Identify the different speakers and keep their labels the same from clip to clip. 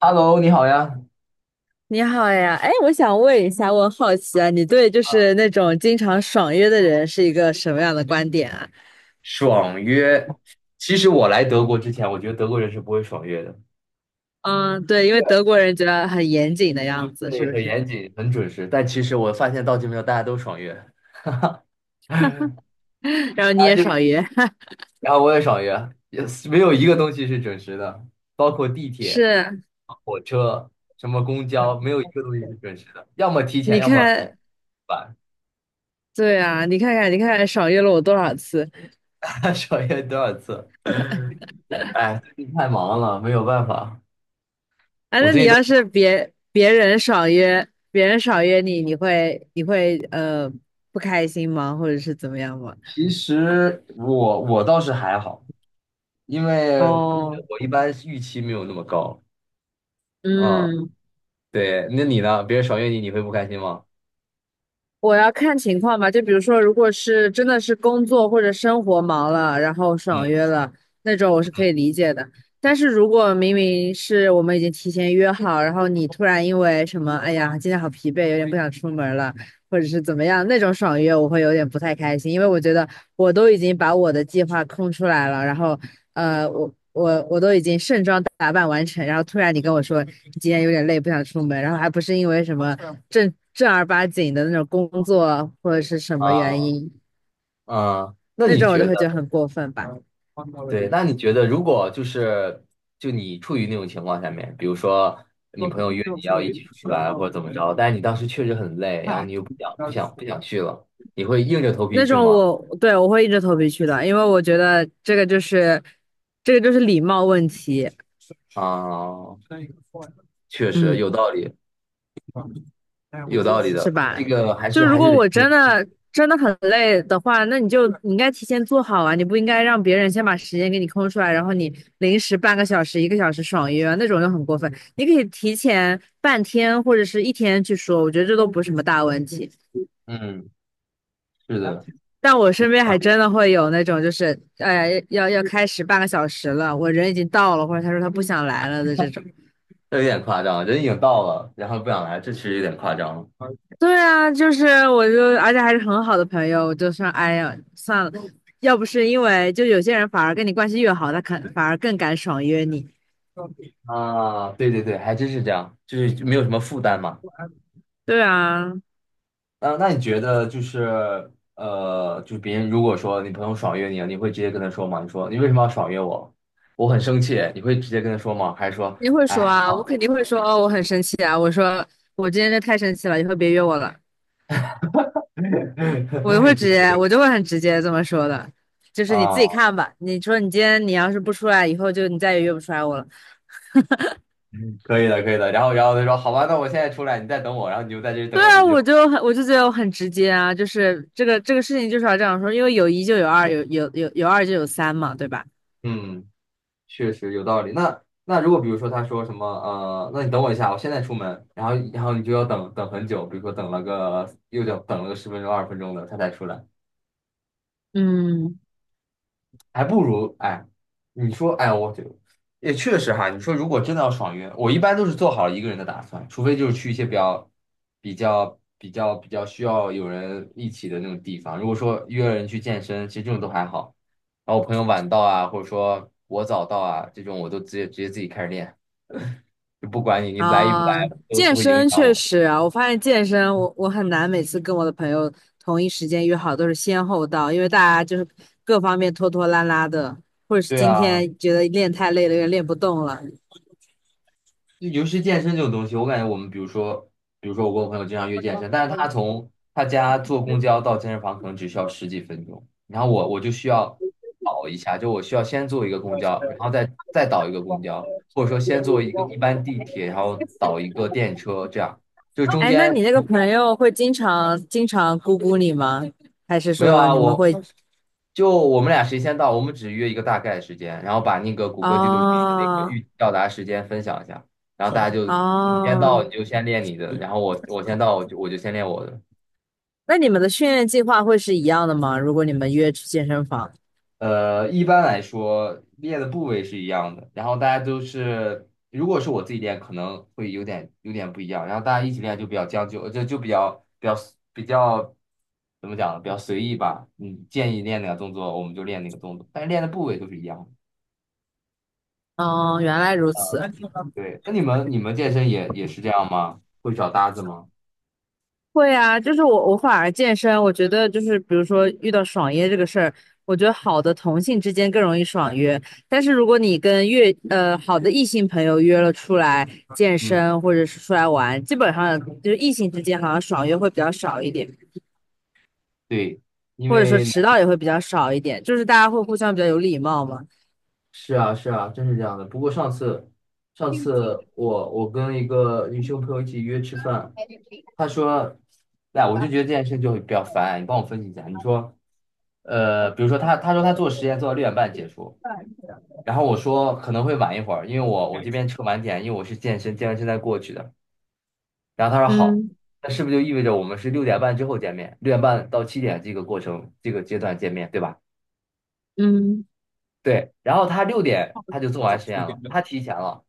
Speaker 1: Hello，你好呀。
Speaker 2: 你好呀，哎，我想问一下，我好奇啊，你对就是那种经常爽约的人是一个什么样的观点啊？
Speaker 1: 爽约，其实我来德国之前，我觉得德国人是不会爽约的，
Speaker 2: 嗯，对，因为德国人觉得很严谨的样子，是
Speaker 1: 对，
Speaker 2: 不
Speaker 1: 很严
Speaker 2: 是？
Speaker 1: 谨，很准时。但其实我发现到这边，大家都爽约，
Speaker 2: 然后你
Speaker 1: 大
Speaker 2: 也
Speaker 1: 家就，
Speaker 2: 爽约，
Speaker 1: 然后我也爽约，也是没有一个东西是准时的，包括地 铁、
Speaker 2: 是，
Speaker 1: 火车、什么公交，没有一个东西是准时的，要么提前，
Speaker 2: 你
Speaker 1: 要么
Speaker 2: 看，
Speaker 1: 晚。
Speaker 2: 对啊，你看看，你看看，爽约了我多少次
Speaker 1: 爽约多少次？哎，最近太忙了，没有办法。
Speaker 2: 啊？
Speaker 1: 我
Speaker 2: 那
Speaker 1: 最
Speaker 2: 你
Speaker 1: 近都，
Speaker 2: 要是别人爽约，别人爽约你，你会不开心吗？或者是怎么样吗？
Speaker 1: 其实我倒是还好。因为
Speaker 2: 哦，
Speaker 1: 我一般预期没有那么高啊。
Speaker 2: 嗯。
Speaker 1: 对，那你呢？别人爽约你，你会不开心吗？
Speaker 2: 我要看情况吧，就比如说，如果是真的是工作或者生活忙了，然后
Speaker 1: 嗯，
Speaker 2: 爽约了那种，我是可以理解的。但是如果明明是我们已经提前约好，然后你突然因为什么，哎呀，今天好疲惫，有点不想出门了，或者是怎么样，那种爽约，我会有点不太开心，因为我觉得我都已经把我的计划空出来了，然后我都已经盛装打扮完成，然后突然你跟我说你今天有点累，不想出门，然后还不是因为什么。正正儿八经的那种工作或者是什么原
Speaker 1: 啊
Speaker 2: 因，
Speaker 1: 啊，那
Speaker 2: 那
Speaker 1: 你
Speaker 2: 种我
Speaker 1: 觉
Speaker 2: 都会觉
Speaker 1: 得，
Speaker 2: 得很过分吧。
Speaker 1: 对，那你觉得，如果就你处于那种情况下面，比如说你朋友约你要一起出去玩或者怎么着，但是你当时确实很累，然后你又不想去了，你会硬着头皮
Speaker 2: 那
Speaker 1: 去
Speaker 2: 种
Speaker 1: 吗？
Speaker 2: 我对我会硬着头皮去的，因为我觉得这个就是礼貌问题，
Speaker 1: 啊，确实
Speaker 2: 嗯，
Speaker 1: 有道理，有道理
Speaker 2: 是
Speaker 1: 的，
Speaker 2: 吧？
Speaker 1: 这个还是
Speaker 2: 就如
Speaker 1: 还是
Speaker 2: 果我
Speaker 1: 得，
Speaker 2: 真的真的很累的话，那你就你应该提前做好啊，你不应该让别人先把时间给你空出来，然后你临时半个小时、一个小时爽约啊，那种就很过分。你可以提前半天或者是一天去说，我觉得这都不是什么大问题。
Speaker 1: 嗯，是的，
Speaker 2: 但我
Speaker 1: 有
Speaker 2: 身边
Speaker 1: 道
Speaker 2: 还
Speaker 1: 理。
Speaker 2: 真的会有那种，就是哎呀，要开始半个小时了，我人已经到了，或者他说他不想来了的这种。
Speaker 1: 这有点夸张，人已经到了，然后不想来，这其实有点夸张了。
Speaker 2: 对啊，就是我就，而且还是很好的朋友，我就说，哎呀，算了，要不是因为就有些人反而跟你关系越好，他肯反而更敢爽约你。
Speaker 1: 啊，对对对，还真是这样，就是没有什么负担嘛。
Speaker 2: 对啊，
Speaker 1: 那你觉得就是就别人如果说你朋友爽约你了，你会直接跟他说吗？你说你为什么要爽约我？我很生气，你会直接跟他说吗？还是说，
Speaker 2: 你会
Speaker 1: 哎，
Speaker 2: 说啊，我肯定会说哦，我很生气啊，我说我今天这太生气了，以后别约我了，我就会
Speaker 1: 你
Speaker 2: 直接，我就会很直接这么说的，就是你自己
Speaker 1: 啊，
Speaker 2: 看吧，你说你今天你要是不出来，以后就你再也约不出来我了。
Speaker 1: 可以的，可以的。然后他说好吧，那我现在出来，你再等我，然后你就在这里等
Speaker 2: 对
Speaker 1: 了
Speaker 2: 啊，
Speaker 1: 很
Speaker 2: 我
Speaker 1: 久。
Speaker 2: 就很，我就觉得我很直接啊，就是这个事情就是要这样说，因为有一就有二，有二就有三嘛，对吧？
Speaker 1: 嗯。确实有道理。那如果比如说他说什么那你等我一下，我现在出门，然后你就要等等很久，比如说等了个又等了个十分钟二十分钟的，他才出来，
Speaker 2: 嗯，
Speaker 1: 还不如哎，你说哎，我就也确实哈，你说如果真的要爽约，我一般都是做好一个人的打算，除非就是去一些比较需要有人一起的那种地方。如果说约了人去健身，其实这种都还好。然后我朋友晚到啊，或者说我早到啊，这种我都直接自己开始练。就不管你来与不来
Speaker 2: 啊，
Speaker 1: 都不
Speaker 2: 健
Speaker 1: 会影
Speaker 2: 身
Speaker 1: 响
Speaker 2: 确
Speaker 1: 我。
Speaker 2: 实啊，我发现健身我很难每次跟我的朋友同一时间约好，都是先后到，因为大家就是各方面拖拖拉拉的，或者是
Speaker 1: 对
Speaker 2: 今
Speaker 1: 啊，
Speaker 2: 天觉得练太累了，有点练不动了。
Speaker 1: 就尤其是健身这种东西，我感觉我们比如说我跟我朋友经常约健身，但是他从他家坐公交到健身房可能只需要十几分钟，然后我就需要倒一下，就我需要先坐一个公交，然后再倒一个公交，或者说先坐一个一般地铁，然后倒一个电车，这样就中
Speaker 2: 哎，那你
Speaker 1: 间。
Speaker 2: 那个朋友会经常咕咕你吗？还是
Speaker 1: 没有
Speaker 2: 说
Speaker 1: 啊，
Speaker 2: 你们
Speaker 1: 我
Speaker 2: 会？
Speaker 1: 就我们俩谁先到，我们只约一个大概的时间，然后把那个谷歌地图上的那个预
Speaker 2: 哦
Speaker 1: 计到达时间分享一下，然后大家就你先到
Speaker 2: 哦
Speaker 1: 你就先练你的，然后我先到我就先练我的。
Speaker 2: 那你们的训练计划会是一样的吗？如果你们约去健身房，
Speaker 1: 一般来说练的部位是一样的，然后大家都是，如果是我自己练，可能会有点不一样，然后大家一起练就比较将就，就比较怎么讲呢，比较随意吧。你建议练哪个动作，我们就练哪个动作，但是练的部位都是一样的。
Speaker 2: 嗯，原来如此。
Speaker 1: 对，那你们健身也是这样吗？会找搭子吗？
Speaker 2: 会啊，就是我反而健身，我觉得就是比如说遇到爽约这个事儿，我觉得好的同性之间更容易爽约，但是如果你跟越好的异性朋友约了出来健
Speaker 1: 嗯，
Speaker 2: 身或者是出来玩，基本上就是异性之间好像爽约会比较少一点，
Speaker 1: 对，因
Speaker 2: 或者说
Speaker 1: 为
Speaker 2: 迟到也会比较少一点，就是大家会互相比较有礼貌嘛。
Speaker 1: 是啊是啊，真是这样的。不过上次我跟一个女性朋友一起约吃饭，她说，哎，我就觉得这件事就比较烦，你帮我分析一下。你说，比如说她说她做实验做到六点半结束，然后我说可能会晚一会儿，因为我这边吃晚点，因为我是健身，健完身再过去的。然后他说好，
Speaker 2: 嗯
Speaker 1: 那是不是就意味着我们是六点半之后见面？六点半到七点这个过程这个阶段见面，对吧？
Speaker 2: 嗯。
Speaker 1: 对。然后他六点他就做完实验了，他提前了，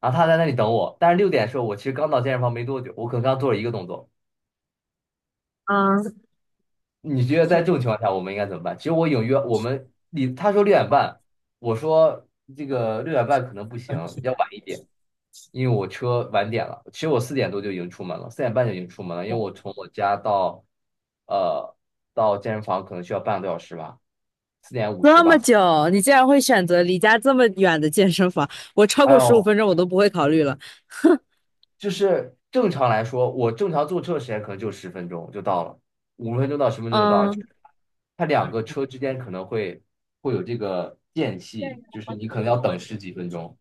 Speaker 1: 然后他在那里等我。但是六点的时候，我其实刚到健身房没多久，我可能刚做了一个动作。你觉得在这种情况下，我们应该怎么办？其实我隐约我们你他说六点半，我说这个六点半可能不行，要晚一点。因为我车晚点了，其实我4点多就已经出门了，4点半就已经出门了，因为我从我家呃到健身房可能需要半个多小时吧，4点50
Speaker 2: 这么
Speaker 1: 吧才。
Speaker 2: 久，你竟然会选择离家这么远的健身房？我超
Speaker 1: 哎
Speaker 2: 过十五
Speaker 1: 呦，
Speaker 2: 分钟我都不会考虑了。
Speaker 1: 就是正常来说，我正常坐车的时间可能就十分钟就到了，5分钟到十分钟就到了。
Speaker 2: 嗯，
Speaker 1: 它两个车之间可能会有这个间隙，就是你可能要等十几分钟。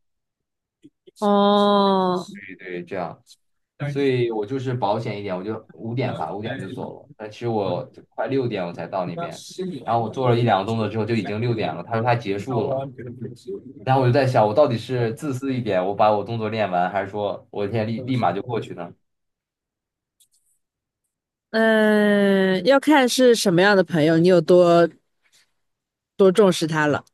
Speaker 2: 哦，
Speaker 1: 对，这样。所以我就是保险一点，我就五点吧，五点我就走了。但其实我就快六点我才到那边，然后我做了一两个动作之后就已经六点了。他说他结束了，然后我就在想，我到底是自私一点，我把我动作练完，还是说我现在立马就过去呢？
Speaker 2: 嗯，要看是什么样的朋友，你有多多重视他了。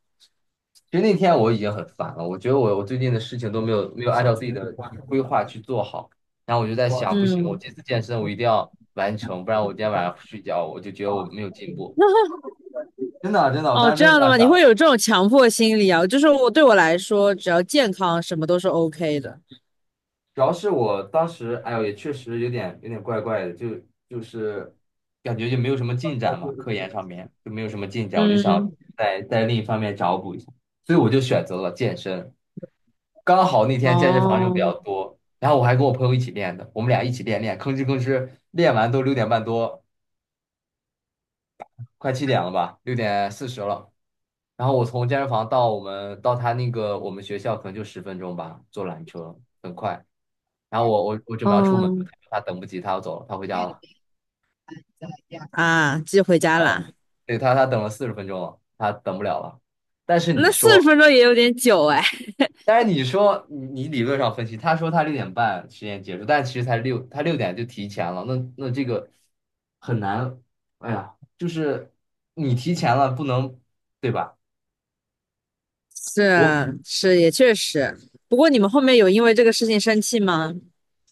Speaker 1: 其实那天我已经很烦了，我觉得我最近的事情都没有按照自己的规划去做好，然后我就在想，不行，
Speaker 2: 嗯，
Speaker 1: 我这次健身我一定要完成，不然我今天晚上不睡觉，我就觉得我没有进步。真的真的，我
Speaker 2: 哦，
Speaker 1: 当时
Speaker 2: 这
Speaker 1: 真的
Speaker 2: 样
Speaker 1: 这
Speaker 2: 的
Speaker 1: 样
Speaker 2: 吗？
Speaker 1: 想
Speaker 2: 你会
Speaker 1: 的。
Speaker 2: 有这种强迫心理啊？就是我对我来说，只要健康，什么都是 OK 的。
Speaker 1: 主要是我当时，哎呦，也确实有点怪怪的，就是感觉就没有什么进展嘛，科研上面就没有什么进展，我就想
Speaker 2: 嗯，
Speaker 1: 在另一方面找补一下，所以我就选择了健身。刚好那天健身房人比
Speaker 2: 哦，
Speaker 1: 较多，然后我还跟我朋友一起练的，我们俩一起练练，吭哧吭哧练完都六点半多，快七点了吧，6点40了。然后我从健身房到我们到他那个我们学校可能就十分钟吧，坐缆车。很快。然后我准备要出门，
Speaker 2: 嗯，
Speaker 1: 他等不及，他要走了，他回家了。
Speaker 2: 啊，寄回家
Speaker 1: 啊，
Speaker 2: 啦。
Speaker 1: 对他等了40分钟了，他等不了了。但是你
Speaker 2: 那四十
Speaker 1: 说，
Speaker 2: 分钟也有点久哎。
Speaker 1: 但是你说你理论上分析，他说他六点半实验结束，但其实他六点就提前了。那这个很难，哎呀，就是你提前了不能，对吧？我
Speaker 2: 是是，也确实。不过你们后面有因为这个事情生气吗？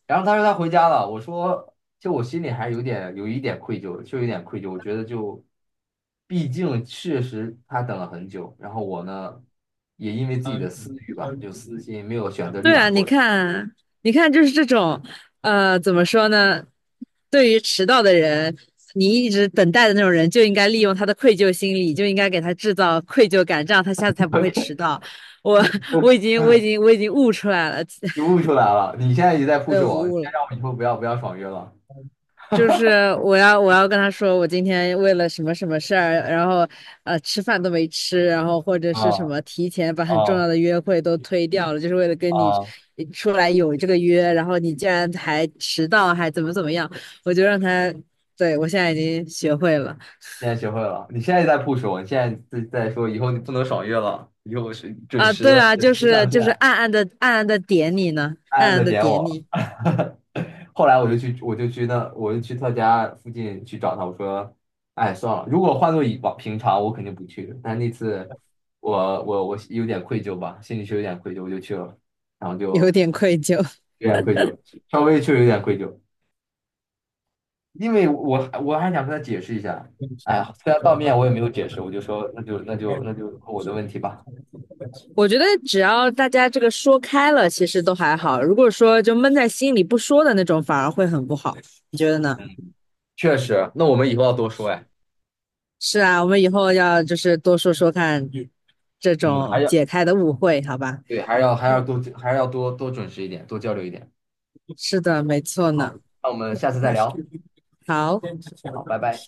Speaker 1: 然后他说他回家了，我说就我心里还有一点愧疚，就有点愧疚。我觉得就，毕竟确实他等了很久，然后我呢也因为自己的私欲吧，就私心没有选择立
Speaker 2: 对
Speaker 1: 马
Speaker 2: 啊，你
Speaker 1: 过去，
Speaker 2: 看，你看，就是这种，怎么说呢？对于迟到的人，你一直等待的那种人，就应该利用他的愧疚心理，就应该给他制造愧疚感，这样他下次才不会迟 到。我 我已经悟出来了，
Speaker 1: 你悟出来了。你现在也在
Speaker 2: 对，
Speaker 1: push
Speaker 2: 我
Speaker 1: 我，你
Speaker 2: 悟
Speaker 1: 现在
Speaker 2: 了。
Speaker 1: 让我以后不要爽约了，
Speaker 2: 就是我要跟他说，我今天为了什么什么事儿，然后吃饭都没吃，然后或者是什
Speaker 1: 啊
Speaker 2: 么提前把很重
Speaker 1: 啊
Speaker 2: 要的约会都推掉了，就是为了跟你
Speaker 1: 啊！
Speaker 2: 出来有这个约，然后你竟然还迟到，还怎么怎么样，我就让他，对，我现在已经学会了
Speaker 1: 现在学会了。你现在在 push 我，你现在在说以后你不能爽约了，以后是准
Speaker 2: 啊，对
Speaker 1: 时
Speaker 2: 啊，
Speaker 1: 准
Speaker 2: 就
Speaker 1: 时
Speaker 2: 是
Speaker 1: 上
Speaker 2: 就是
Speaker 1: 线。
Speaker 2: 暗暗的点你呢，
Speaker 1: 暗
Speaker 2: 暗
Speaker 1: 暗的
Speaker 2: 暗的
Speaker 1: 点
Speaker 2: 点
Speaker 1: 我。
Speaker 2: 你，
Speaker 1: 后来我就去他家附近去找他。我说，哎，算了，如果换做以往平常，我肯定不去。但那次我有点愧疚吧，心里是有点愧疚，我就去了，然后
Speaker 2: 有
Speaker 1: 就
Speaker 2: 点愧疚。
Speaker 1: 有点愧疚，稍微确实有点愧疚，因为我还想跟他解释一下。哎呀，虽然当面我也没有解释，我就说那就我的问题吧。
Speaker 2: 我觉得只要大家这个说开了，其实都还好。如果说就闷在心里不说的那种，反而会很不好。你觉得呢？
Speaker 1: 嗯，确实，那我们以后要多说哎。
Speaker 2: 是啊，我们以后要就是多说说看这
Speaker 1: 嗯，还
Speaker 2: 种
Speaker 1: 要。"
Speaker 2: 解开的误会，好吧？
Speaker 1: 对，还是要多多准时一点，多交流一点。
Speaker 2: 是的，没错
Speaker 1: 好，
Speaker 2: 呢。
Speaker 1: 那我们下次再聊。
Speaker 2: 好。
Speaker 1: 好，拜拜。